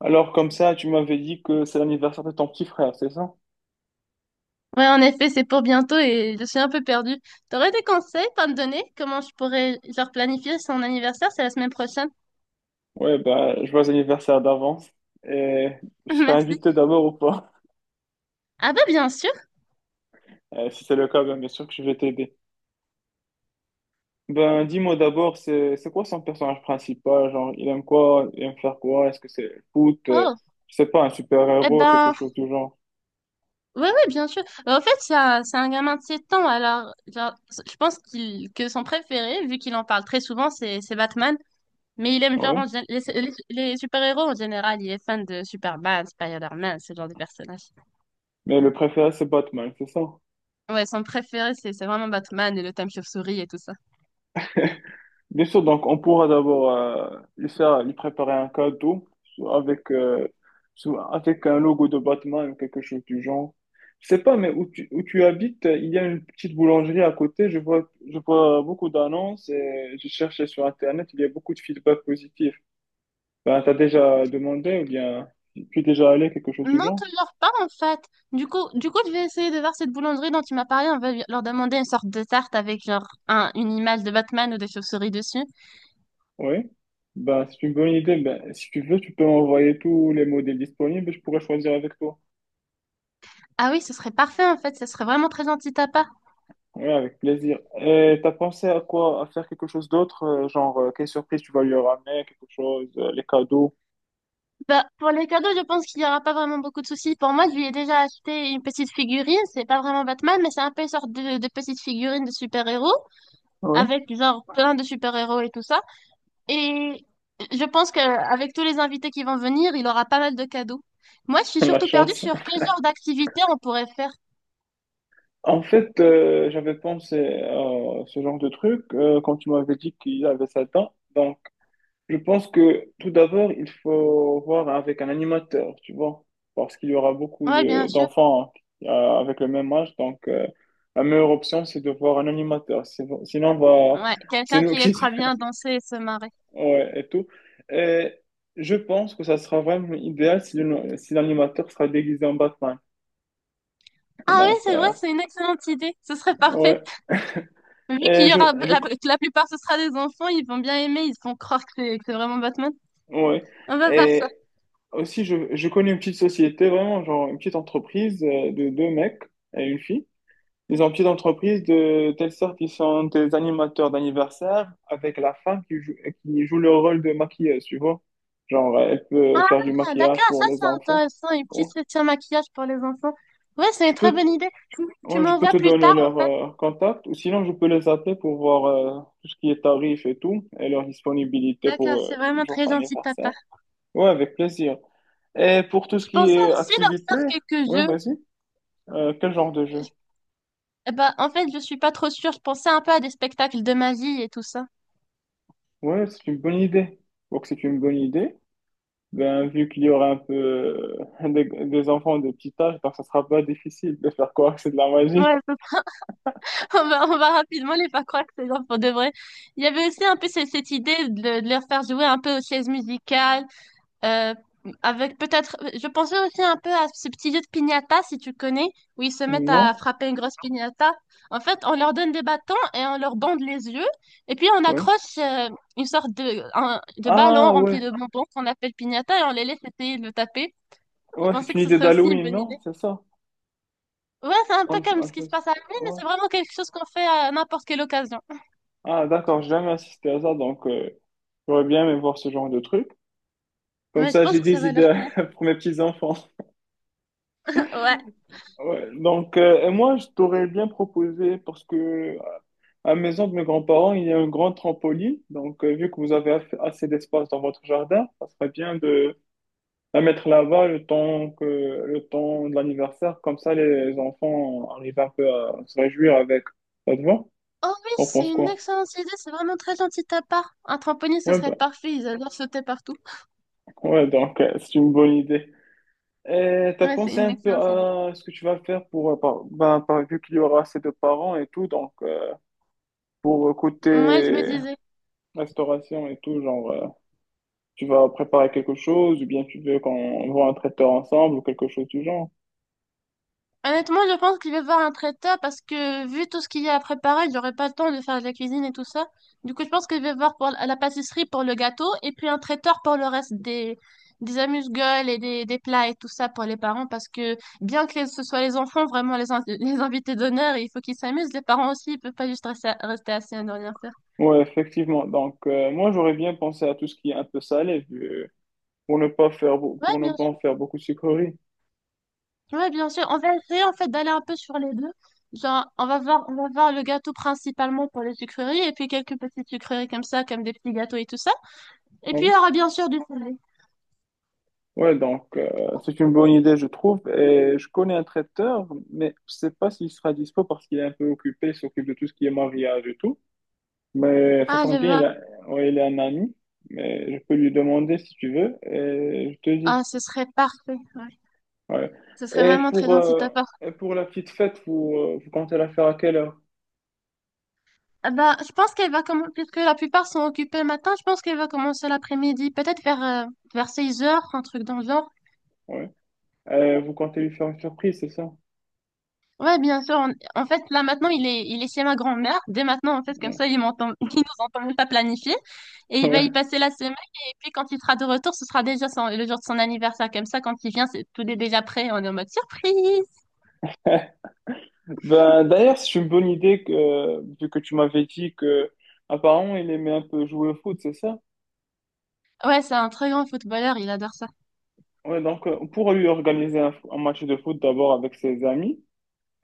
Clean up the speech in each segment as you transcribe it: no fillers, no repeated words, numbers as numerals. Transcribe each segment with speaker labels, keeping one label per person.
Speaker 1: Alors, comme ça, tu m'avais dit que c'est l'anniversaire de ton petit frère, c'est ça?
Speaker 2: Ouais, en effet, c'est pour bientôt et je suis un peu perdue. T'aurais des conseils à me donner? Comment je pourrais, genre, planifier son anniversaire? C'est la semaine prochaine.
Speaker 1: Ouais, je vois l'anniversaire d'avance. Et je serai
Speaker 2: Merci.
Speaker 1: invité d'abord ou pas?
Speaker 2: Ah ben, bien sûr.
Speaker 1: Si c'est le cas, bien sûr que je vais t'aider. Dis-moi d'abord, c'est quoi son personnage principal? Genre, il aime quoi? Il aime faire quoi? Est-ce que c'est le foot?
Speaker 2: Oh,
Speaker 1: Je sais pas, un
Speaker 2: eh
Speaker 1: super-héros, quelque
Speaker 2: ben,
Speaker 1: chose du genre.
Speaker 2: ouais, ouais, bien sûr. En fait, c'est un gamin de 7 ans, alors, genre, je pense que son préféré, vu qu'il en parle très souvent, c'est Batman. Mais il aime, genre,
Speaker 1: Ouais.
Speaker 2: les super-héros en général. Il est fan de Superman, Spider-Man, ce genre de personnages.
Speaker 1: Mais le préféré, c'est Batman, c'est ça?
Speaker 2: Ouais, son préféré, c'est vraiment Batman et le thème chauve-souris et tout ça.
Speaker 1: Bien sûr, donc on pourra d'abord lui faire, lui préparer un cadeau soit avec, euh, soit avec un logo de Batman ou quelque chose du genre. Je sais pas, mais où tu habites, il y a une petite boulangerie à côté. Je vois beaucoup d'annonces et j'ai cherché sur Internet. Il y a beaucoup de feedback positif. Ben, t'as déjà demandé ou bien tu es déjà allé, quelque chose du
Speaker 2: Non,
Speaker 1: genre?
Speaker 2: toujours pas en fait. Du coup, je vais essayer de voir cette boulangerie dont tu m'as parlé. On va leur demander une sorte de tarte avec genre un, une image de Batman ou des chauves-souris dessus.
Speaker 1: Oui. Ben, c'est une bonne idée. Ben, si tu veux, tu peux m'envoyer tous les modèles disponibles et je pourrais choisir avec toi.
Speaker 2: Ah oui, ce serait parfait en fait. Ce serait vraiment très gentil de ta part.
Speaker 1: Oui, avec plaisir. Et t'as pensé à quoi? À faire quelque chose d'autre? Genre, quelle surprise tu vas lui ramener? Quelque chose? Les cadeaux?
Speaker 2: Bah, pour les cadeaux, je pense qu'il n'y aura pas vraiment beaucoup de soucis. Pour moi, je lui ai déjà acheté une petite figurine. C'est pas vraiment Batman, mais c'est un peu une sorte de petite figurine de super-héros
Speaker 1: Oui,
Speaker 2: avec genre plein de super-héros et tout ça. Et je pense qu'avec tous les invités qui vont venir, il aura pas mal de cadeaux. Moi, je suis
Speaker 1: la
Speaker 2: surtout perdue
Speaker 1: chance.
Speaker 2: sur quel genre d'activité on pourrait faire.
Speaker 1: En fait, j'avais pensé à ce genre de truc quand tu m'avais dit qu'il avait 7 ans. Donc, je pense que tout d'abord, il faut voir avec un animateur, tu vois, parce qu'il y aura beaucoup
Speaker 2: Ouais, bien sûr.
Speaker 1: d'enfants euh, avec le même âge. Donc, la meilleure option, c'est de voir un animateur. Sinon,
Speaker 2: Ouais,
Speaker 1: c'est
Speaker 2: quelqu'un
Speaker 1: nous
Speaker 2: qui les
Speaker 1: qui...
Speaker 2: fera bien danser et se marrer.
Speaker 1: Ouais, et tout. Et je pense que ça sera vraiment idéal si si l'animateur sera déguisé en Batman.
Speaker 2: Ah oui,
Speaker 1: Donc,
Speaker 2: c'est vrai, c'est une excellente idée. Ce serait parfait.
Speaker 1: ouais.
Speaker 2: Vu qu'il
Speaker 1: Et
Speaker 2: y
Speaker 1: je,
Speaker 2: aura
Speaker 1: je,
Speaker 2: la, que la plupart ce sera des enfants, ils vont bien aimer, ils se font croire que c'est vraiment Batman.
Speaker 1: ouais.
Speaker 2: On va voir ça.
Speaker 1: Et aussi, je connais une petite société, vraiment, genre une petite entreprise de deux mecs et une fille. Ils ont une petite entreprise de telle sorte qu'ils sont des animateurs d'anniversaire avec la femme qui joue le rôle de maquilleuse, tu vois. Genre, elle peut faire du
Speaker 2: Ah,
Speaker 1: maquillage
Speaker 2: d'accord, ça
Speaker 1: pour les
Speaker 2: c'est
Speaker 1: enfants.
Speaker 2: intéressant. Une petite
Speaker 1: Bon.
Speaker 2: session maquillage pour les enfants. Ouais, c'est
Speaker 1: Je
Speaker 2: une très
Speaker 1: peux, t-
Speaker 2: bonne idée. Tu
Speaker 1: Ouais, je peux
Speaker 2: m'envoies
Speaker 1: te
Speaker 2: plus
Speaker 1: donner
Speaker 2: tard
Speaker 1: leur
Speaker 2: en fait.
Speaker 1: contact ou sinon je peux les appeler pour voir tout ce qui est tarif et tout et leur disponibilité
Speaker 2: D'accord,
Speaker 1: pour
Speaker 2: c'est
Speaker 1: le
Speaker 2: vraiment
Speaker 1: jour
Speaker 2: très
Speaker 1: de
Speaker 2: gentil de ta part.
Speaker 1: d'anniversaire. Ouais, avec plaisir. Et pour tout ce
Speaker 2: Je
Speaker 1: qui
Speaker 2: pensais
Speaker 1: est
Speaker 2: aussi leur
Speaker 1: activité,
Speaker 2: faire quelques
Speaker 1: ouais,
Speaker 2: jeux.
Speaker 1: vas-y. Quel genre de jeu?
Speaker 2: Eh ben, en fait, je suis pas trop sûre. Je pensais un peu à des spectacles de magie et tout ça.
Speaker 1: Ouais, c'est une bonne idée. Donc c'est une bonne idée. Ben, vu qu'il y aura un peu des enfants de petit âge, donc ça sera pas difficile de faire croire que c'est de la
Speaker 2: Ouais,
Speaker 1: magie.
Speaker 2: à peu près. On va rapidement les faire croire que c'est genre pour de vrai. Il y avait aussi un peu cette idée de leur faire jouer un peu aux chaises musicales. Euh, Avec peut-être, je pensais aussi un peu à ce petit jeu de piñata, si tu connais, où ils se mettent
Speaker 1: Non?
Speaker 2: à frapper une grosse piñata. En fait, on leur donne des bâtons et on leur bande les yeux. Et puis, on
Speaker 1: Ouais.
Speaker 2: accroche une sorte de ballon
Speaker 1: Ah
Speaker 2: rempli
Speaker 1: ouais,
Speaker 2: de bonbons qu'on appelle piñata et on les laisse essayer de le taper. Je
Speaker 1: ouais, c'est
Speaker 2: pensais
Speaker 1: une
Speaker 2: que ce
Speaker 1: idée
Speaker 2: serait aussi une
Speaker 1: d'Halloween,
Speaker 2: bonne idée.
Speaker 1: non? C'est ça.
Speaker 2: Ouais, c'est un peu comme
Speaker 1: On
Speaker 2: ce qui
Speaker 1: fait...
Speaker 2: se passe à la main, mais
Speaker 1: ouais.
Speaker 2: c'est vraiment quelque chose qu'on fait à n'importe quelle occasion.
Speaker 1: Ah, d'accord, j'ai jamais assisté à ça, donc j'aurais bien aimé voir ce genre de truc. Comme
Speaker 2: Ouais, je
Speaker 1: ça,
Speaker 2: pense
Speaker 1: j'ai
Speaker 2: que ça
Speaker 1: des
Speaker 2: va leur
Speaker 1: idées
Speaker 2: plaire.
Speaker 1: pour mes petits-enfants.
Speaker 2: Ouais.
Speaker 1: Ouais, donc, et moi, je t'aurais bien proposé, parce que à la maison de mes grands-parents, il y a un grand trampoline. Donc, vu que vous avez assez d'espace dans votre jardin, ça serait bien de la mettre là-bas le temps de l'anniversaire. Comme ça, les enfants arrivent un peu à se réjouir avec. Ça te va?
Speaker 2: Oh oui,
Speaker 1: On
Speaker 2: c'est
Speaker 1: pense
Speaker 2: une
Speaker 1: quoi?
Speaker 2: excellente idée, c'est vraiment très gentil de ta part. Un trampoline, ce
Speaker 1: Ouais,
Speaker 2: serait parfait, ils adorent sauter partout.
Speaker 1: ouais, donc, c'est une bonne idée. Et t'as
Speaker 2: Ouais, c'est
Speaker 1: pensé
Speaker 2: une
Speaker 1: un peu
Speaker 2: excellente idée.
Speaker 1: à ce que tu vas faire pour, vu qu'il y aura assez de parents et tout, donc pour
Speaker 2: Moi, je me
Speaker 1: côté
Speaker 2: disais.
Speaker 1: restauration et tout, genre, tu vas préparer quelque chose ou bien tu veux qu'on voit un traiteur ensemble ou quelque chose du genre.
Speaker 2: Honnêtement, je pense qu'il va voir un traiteur parce que vu tout ce qu'il y a à préparer, j'aurai pas le temps de faire de la cuisine et tout ça. Du coup, je pense que je vais voir pour la pâtisserie pour le gâteau et puis un traiteur pour le reste des amuse-gueules et des plats et tout ça pour les parents parce que bien que ce soit les enfants vraiment les invités d'honneur, il faut qu'ils s'amusent. Les parents aussi, ils peuvent pas juste rester assis à ne rien faire.
Speaker 1: Ouais, effectivement. Donc, moi, j'aurais bien pensé à tout ce qui est un peu salé, pour ne pas
Speaker 2: Ouais,
Speaker 1: pour ne
Speaker 2: bien
Speaker 1: pas en
Speaker 2: sûr.
Speaker 1: faire beaucoup de sucreries.
Speaker 2: Ouais, bien sûr. On va essayer en fait d'aller un peu sur les deux. Genre, on va voir le gâteau principalement pour les sucreries et puis quelques petites sucreries comme ça, comme des petits gâteaux et tout ça. Et puis il y aura bien sûr du salé.
Speaker 1: Ouais, donc c'est une bonne idée, je trouve. Et je connais un traiteur, mais je sais pas s'il sera dispo parce qu'il est un peu occupé, il s'occupe de tout ce qui est mariage et tout. Mais ça
Speaker 2: Ah, je
Speaker 1: tombe bien, il
Speaker 2: vois.
Speaker 1: a, Ouais, il a un ami. Mais je peux lui demander si tu veux et je te dis.
Speaker 2: Ah, ce serait parfait. Ouais.
Speaker 1: Ouais.
Speaker 2: Ce serait
Speaker 1: Et
Speaker 2: vraiment très
Speaker 1: pour,
Speaker 2: gentil de
Speaker 1: euh,
Speaker 2: ta part.
Speaker 1: et pour la petite fête, vous comptez la faire à quelle heure?
Speaker 2: Ah bah, je pense qu'elle va commencer, puisque la plupart sont occupés le matin, je pense qu'elle va commencer l'après-midi, peut-être vers 16 heures, un truc dans le genre.
Speaker 1: Ouais. Vous comptez lui faire une surprise, c'est ça?
Speaker 2: Ouais, bien sûr. En fait, là maintenant, il est chez ma grand-mère. Dès maintenant, en fait, comme
Speaker 1: Ouais.
Speaker 2: ça, il m'entend, il nous entend même pas planifier. Et il va y
Speaker 1: Ouais.
Speaker 2: passer la semaine. Et puis, quand il sera de retour, ce sera déjà le jour de son anniversaire. Comme ça, quand il vient, c'est tout est déjà prêt. On est en mode surprise.
Speaker 1: Ben, d'ailleurs, c'est une bonne idée que, vu que tu m'avais dit que apparemment il aimait un peu jouer au foot, c'est ça?
Speaker 2: Ouais, c'est un très grand footballeur. Il adore ça.
Speaker 1: Ouais, donc, pour lui organiser un match de foot d'abord avec ses amis.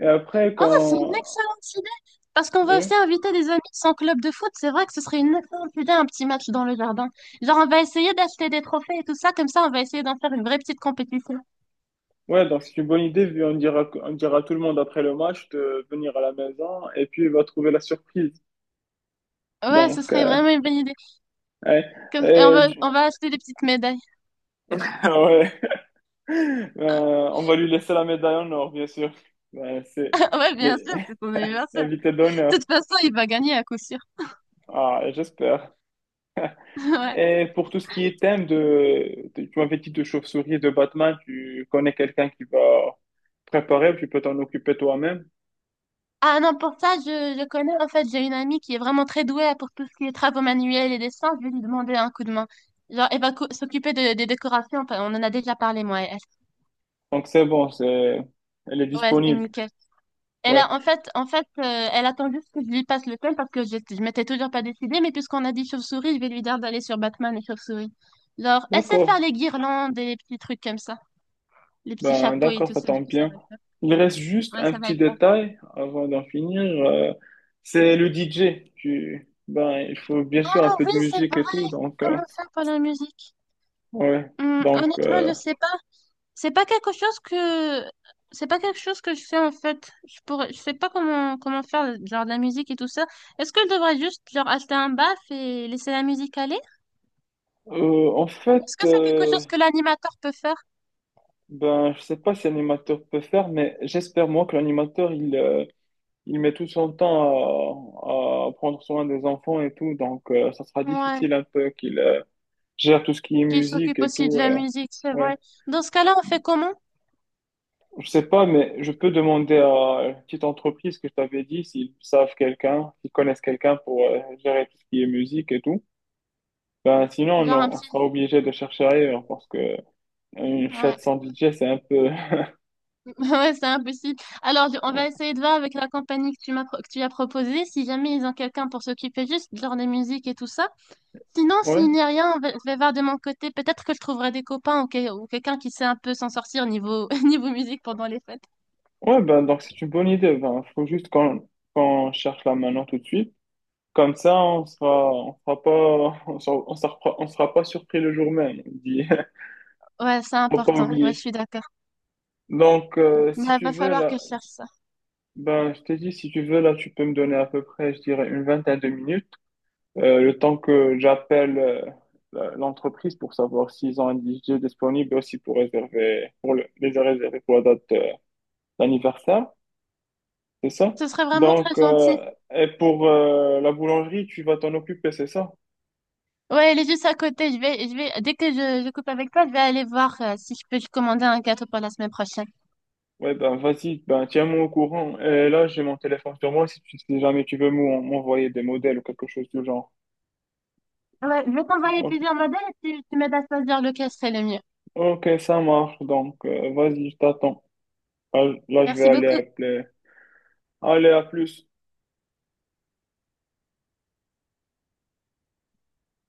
Speaker 1: Et après,
Speaker 2: Oh, c'est une
Speaker 1: quand.
Speaker 2: excellente idée. Parce qu'on va aussi
Speaker 1: Ouais,
Speaker 2: inviter des amis de son club de foot. C'est vrai que ce serait une excellente idée, un petit match dans le jardin. Genre, on va essayer d'acheter des trophées et tout ça. Comme ça, on va essayer d'en faire une vraie petite compétition.
Speaker 1: ouais, donc c'est une bonne idée, vu on dira à tout le monde après le match de venir à la maison et puis il va trouver la surprise.
Speaker 2: Ouais, ce
Speaker 1: Donc,
Speaker 2: serait vraiment une bonne idée.
Speaker 1: ouais.
Speaker 2: Comme- et on
Speaker 1: Et
Speaker 2: va,
Speaker 1: du-
Speaker 2: on va acheter des petites médailles.
Speaker 1: ouais. On va lui laisser la médaille en or, bien sûr. Ouais, c'est
Speaker 2: Ouais, bien
Speaker 1: les-
Speaker 2: sûr, c'est ton anniversaire.
Speaker 1: l'invité
Speaker 2: De
Speaker 1: d'honneur.
Speaker 2: toute façon, il va gagner à coup sûr.
Speaker 1: Ah, j'espère.
Speaker 2: Ouais.
Speaker 1: Et pour tout ce qui est thème de tu m'avais dit de chauve-souris et de Batman, tu connais quelqu'un qui va préparer, tu peux t'en occuper toi-même.
Speaker 2: Ah non, pour ça, je connais. En fait, j'ai une amie qui est vraiment très douée pour tout ce qui est travaux manuels et dessins. Je vais lui demander un coup de main. Genre, elle va s'occuper des décorations. Enfin, on en a déjà parlé, moi et elle.
Speaker 1: Donc c'est bon, elle est
Speaker 2: Ouais, c'est
Speaker 1: disponible.
Speaker 2: nickel. Et
Speaker 1: Ouais,
Speaker 2: là, en fait, elle attend juste que je lui passe le thème parce que je m'étais toujours pas décidée. Mais puisqu'on a dit chauve-souris, je vais lui dire d'aller sur Batman et chauve-souris. Genre, elle sait faire
Speaker 1: d'accord.
Speaker 2: les guirlandes et les petits trucs comme ça, les petits
Speaker 1: Ben
Speaker 2: chapeaux et
Speaker 1: d'accord,
Speaker 2: tout
Speaker 1: ça
Speaker 2: ça. Du
Speaker 1: tombe
Speaker 2: coup, ça
Speaker 1: bien.
Speaker 2: va.
Speaker 1: Il reste juste
Speaker 2: Ouais,
Speaker 1: un
Speaker 2: ça va
Speaker 1: petit
Speaker 2: être parfait.
Speaker 1: détail avant d'en finir. C'est le DJ. Ben il faut bien sûr un
Speaker 2: Ah
Speaker 1: peu
Speaker 2: oui,
Speaker 1: de
Speaker 2: c'est
Speaker 1: musique et tout.
Speaker 2: vrai.
Speaker 1: Donc
Speaker 2: Comment ça pour la musique?
Speaker 1: ouais. Donc
Speaker 2: Honnêtement, je sais pas. C'est pas quelque chose que c'est pas quelque chose que je fais en fait. Je pourrais je sais pas comment faire genre de la musique et tout ça. Est-ce que je devrais juste genre acheter un baff et laisser la musique aller?
Speaker 1: en
Speaker 2: Ou
Speaker 1: fait.
Speaker 2: est-ce que c'est quelque chose que l'animateur peut faire?
Speaker 1: Ben, je sais pas si l'animateur peut faire, mais j'espère moi que l'animateur il met tout son temps à prendre soin des enfants et tout, donc ça sera
Speaker 2: Ouais,
Speaker 1: difficile un peu qu'il gère tout ce qui est
Speaker 2: qui
Speaker 1: musique
Speaker 2: s'occupe
Speaker 1: et
Speaker 2: aussi de
Speaker 1: tout.
Speaker 2: la musique, c'est
Speaker 1: Ouais,
Speaker 2: vrai. Dans ce cas-là, on fait comment?
Speaker 1: je sais pas, mais je peux demander à une petite entreprise que je t'avais dit s'ils savent quelqu'un, s'ils connaissent quelqu'un pour gérer tout ce qui est musique et tout. Ben sinon
Speaker 2: Genre un
Speaker 1: on, on
Speaker 2: petit
Speaker 1: sera obligé de chercher ailleurs parce que une fête
Speaker 2: ouais.
Speaker 1: sans DJ c'est un peu
Speaker 2: Ouais, c'est impossible. Alors, on va essayer de voir avec la compagnie que que tu as proposée, si jamais ils ont quelqu'un pour s'occuper juste genre des musiques et tout ça. Sinon,
Speaker 1: ouais.
Speaker 2: s'il n'y a rien, je vais voir de mon côté. Peut-être que je trouverai des copains ou, ou quelqu'un qui sait un peu s'en sortir niveau, niveau musique pendant les fêtes.
Speaker 1: Ouais, ben, donc c'est une bonne idée. Ben, faut juste qu'on cherche là maintenant tout de suite. Comme ça, on sera pas, on sera pas surpris le jour même. On dit.
Speaker 2: Ouais, c'est
Speaker 1: Faut pas
Speaker 2: important. Ouais, je
Speaker 1: oublier.
Speaker 2: suis d'accord.
Speaker 1: Donc, si
Speaker 2: Mais
Speaker 1: tu
Speaker 2: va
Speaker 1: veux,
Speaker 2: falloir que
Speaker 1: là,
Speaker 2: je cherche ça.
Speaker 1: ben, je t'ai dit, si tu veux, là, tu peux me donner à peu près, je dirais, une vingtaine de minutes, le temps que j'appelle, l'entreprise pour savoir s'ils ont un DJ disponible et aussi pour réserver, pour les réserver pour la date, d'anniversaire. C'est ça?
Speaker 2: Ce serait vraiment très
Speaker 1: Donc,
Speaker 2: gentil.
Speaker 1: et pour la boulangerie, tu vas t'en occuper, c'est ça?
Speaker 2: Ouais, elle est juste à côté. Je vais, dès que je coupe avec toi, je vais aller voir si je peux commander un gâteau pour la semaine prochaine.
Speaker 1: Ouais, ben vas-y, ben tiens-moi au courant. Et là, j'ai mon téléphone sur moi si jamais tu veux m'envoyer des modèles ou quelque chose du genre.
Speaker 2: Ouais, je vais t'envoyer
Speaker 1: O-
Speaker 2: plusieurs modèles et tu m'aides à choisir lequel serait le mieux.
Speaker 1: Ok, ça marche, donc vas-y, je t'attends. Ah, là, je vais
Speaker 2: Merci
Speaker 1: aller
Speaker 2: beaucoup.
Speaker 1: appeler. Allez, à plus.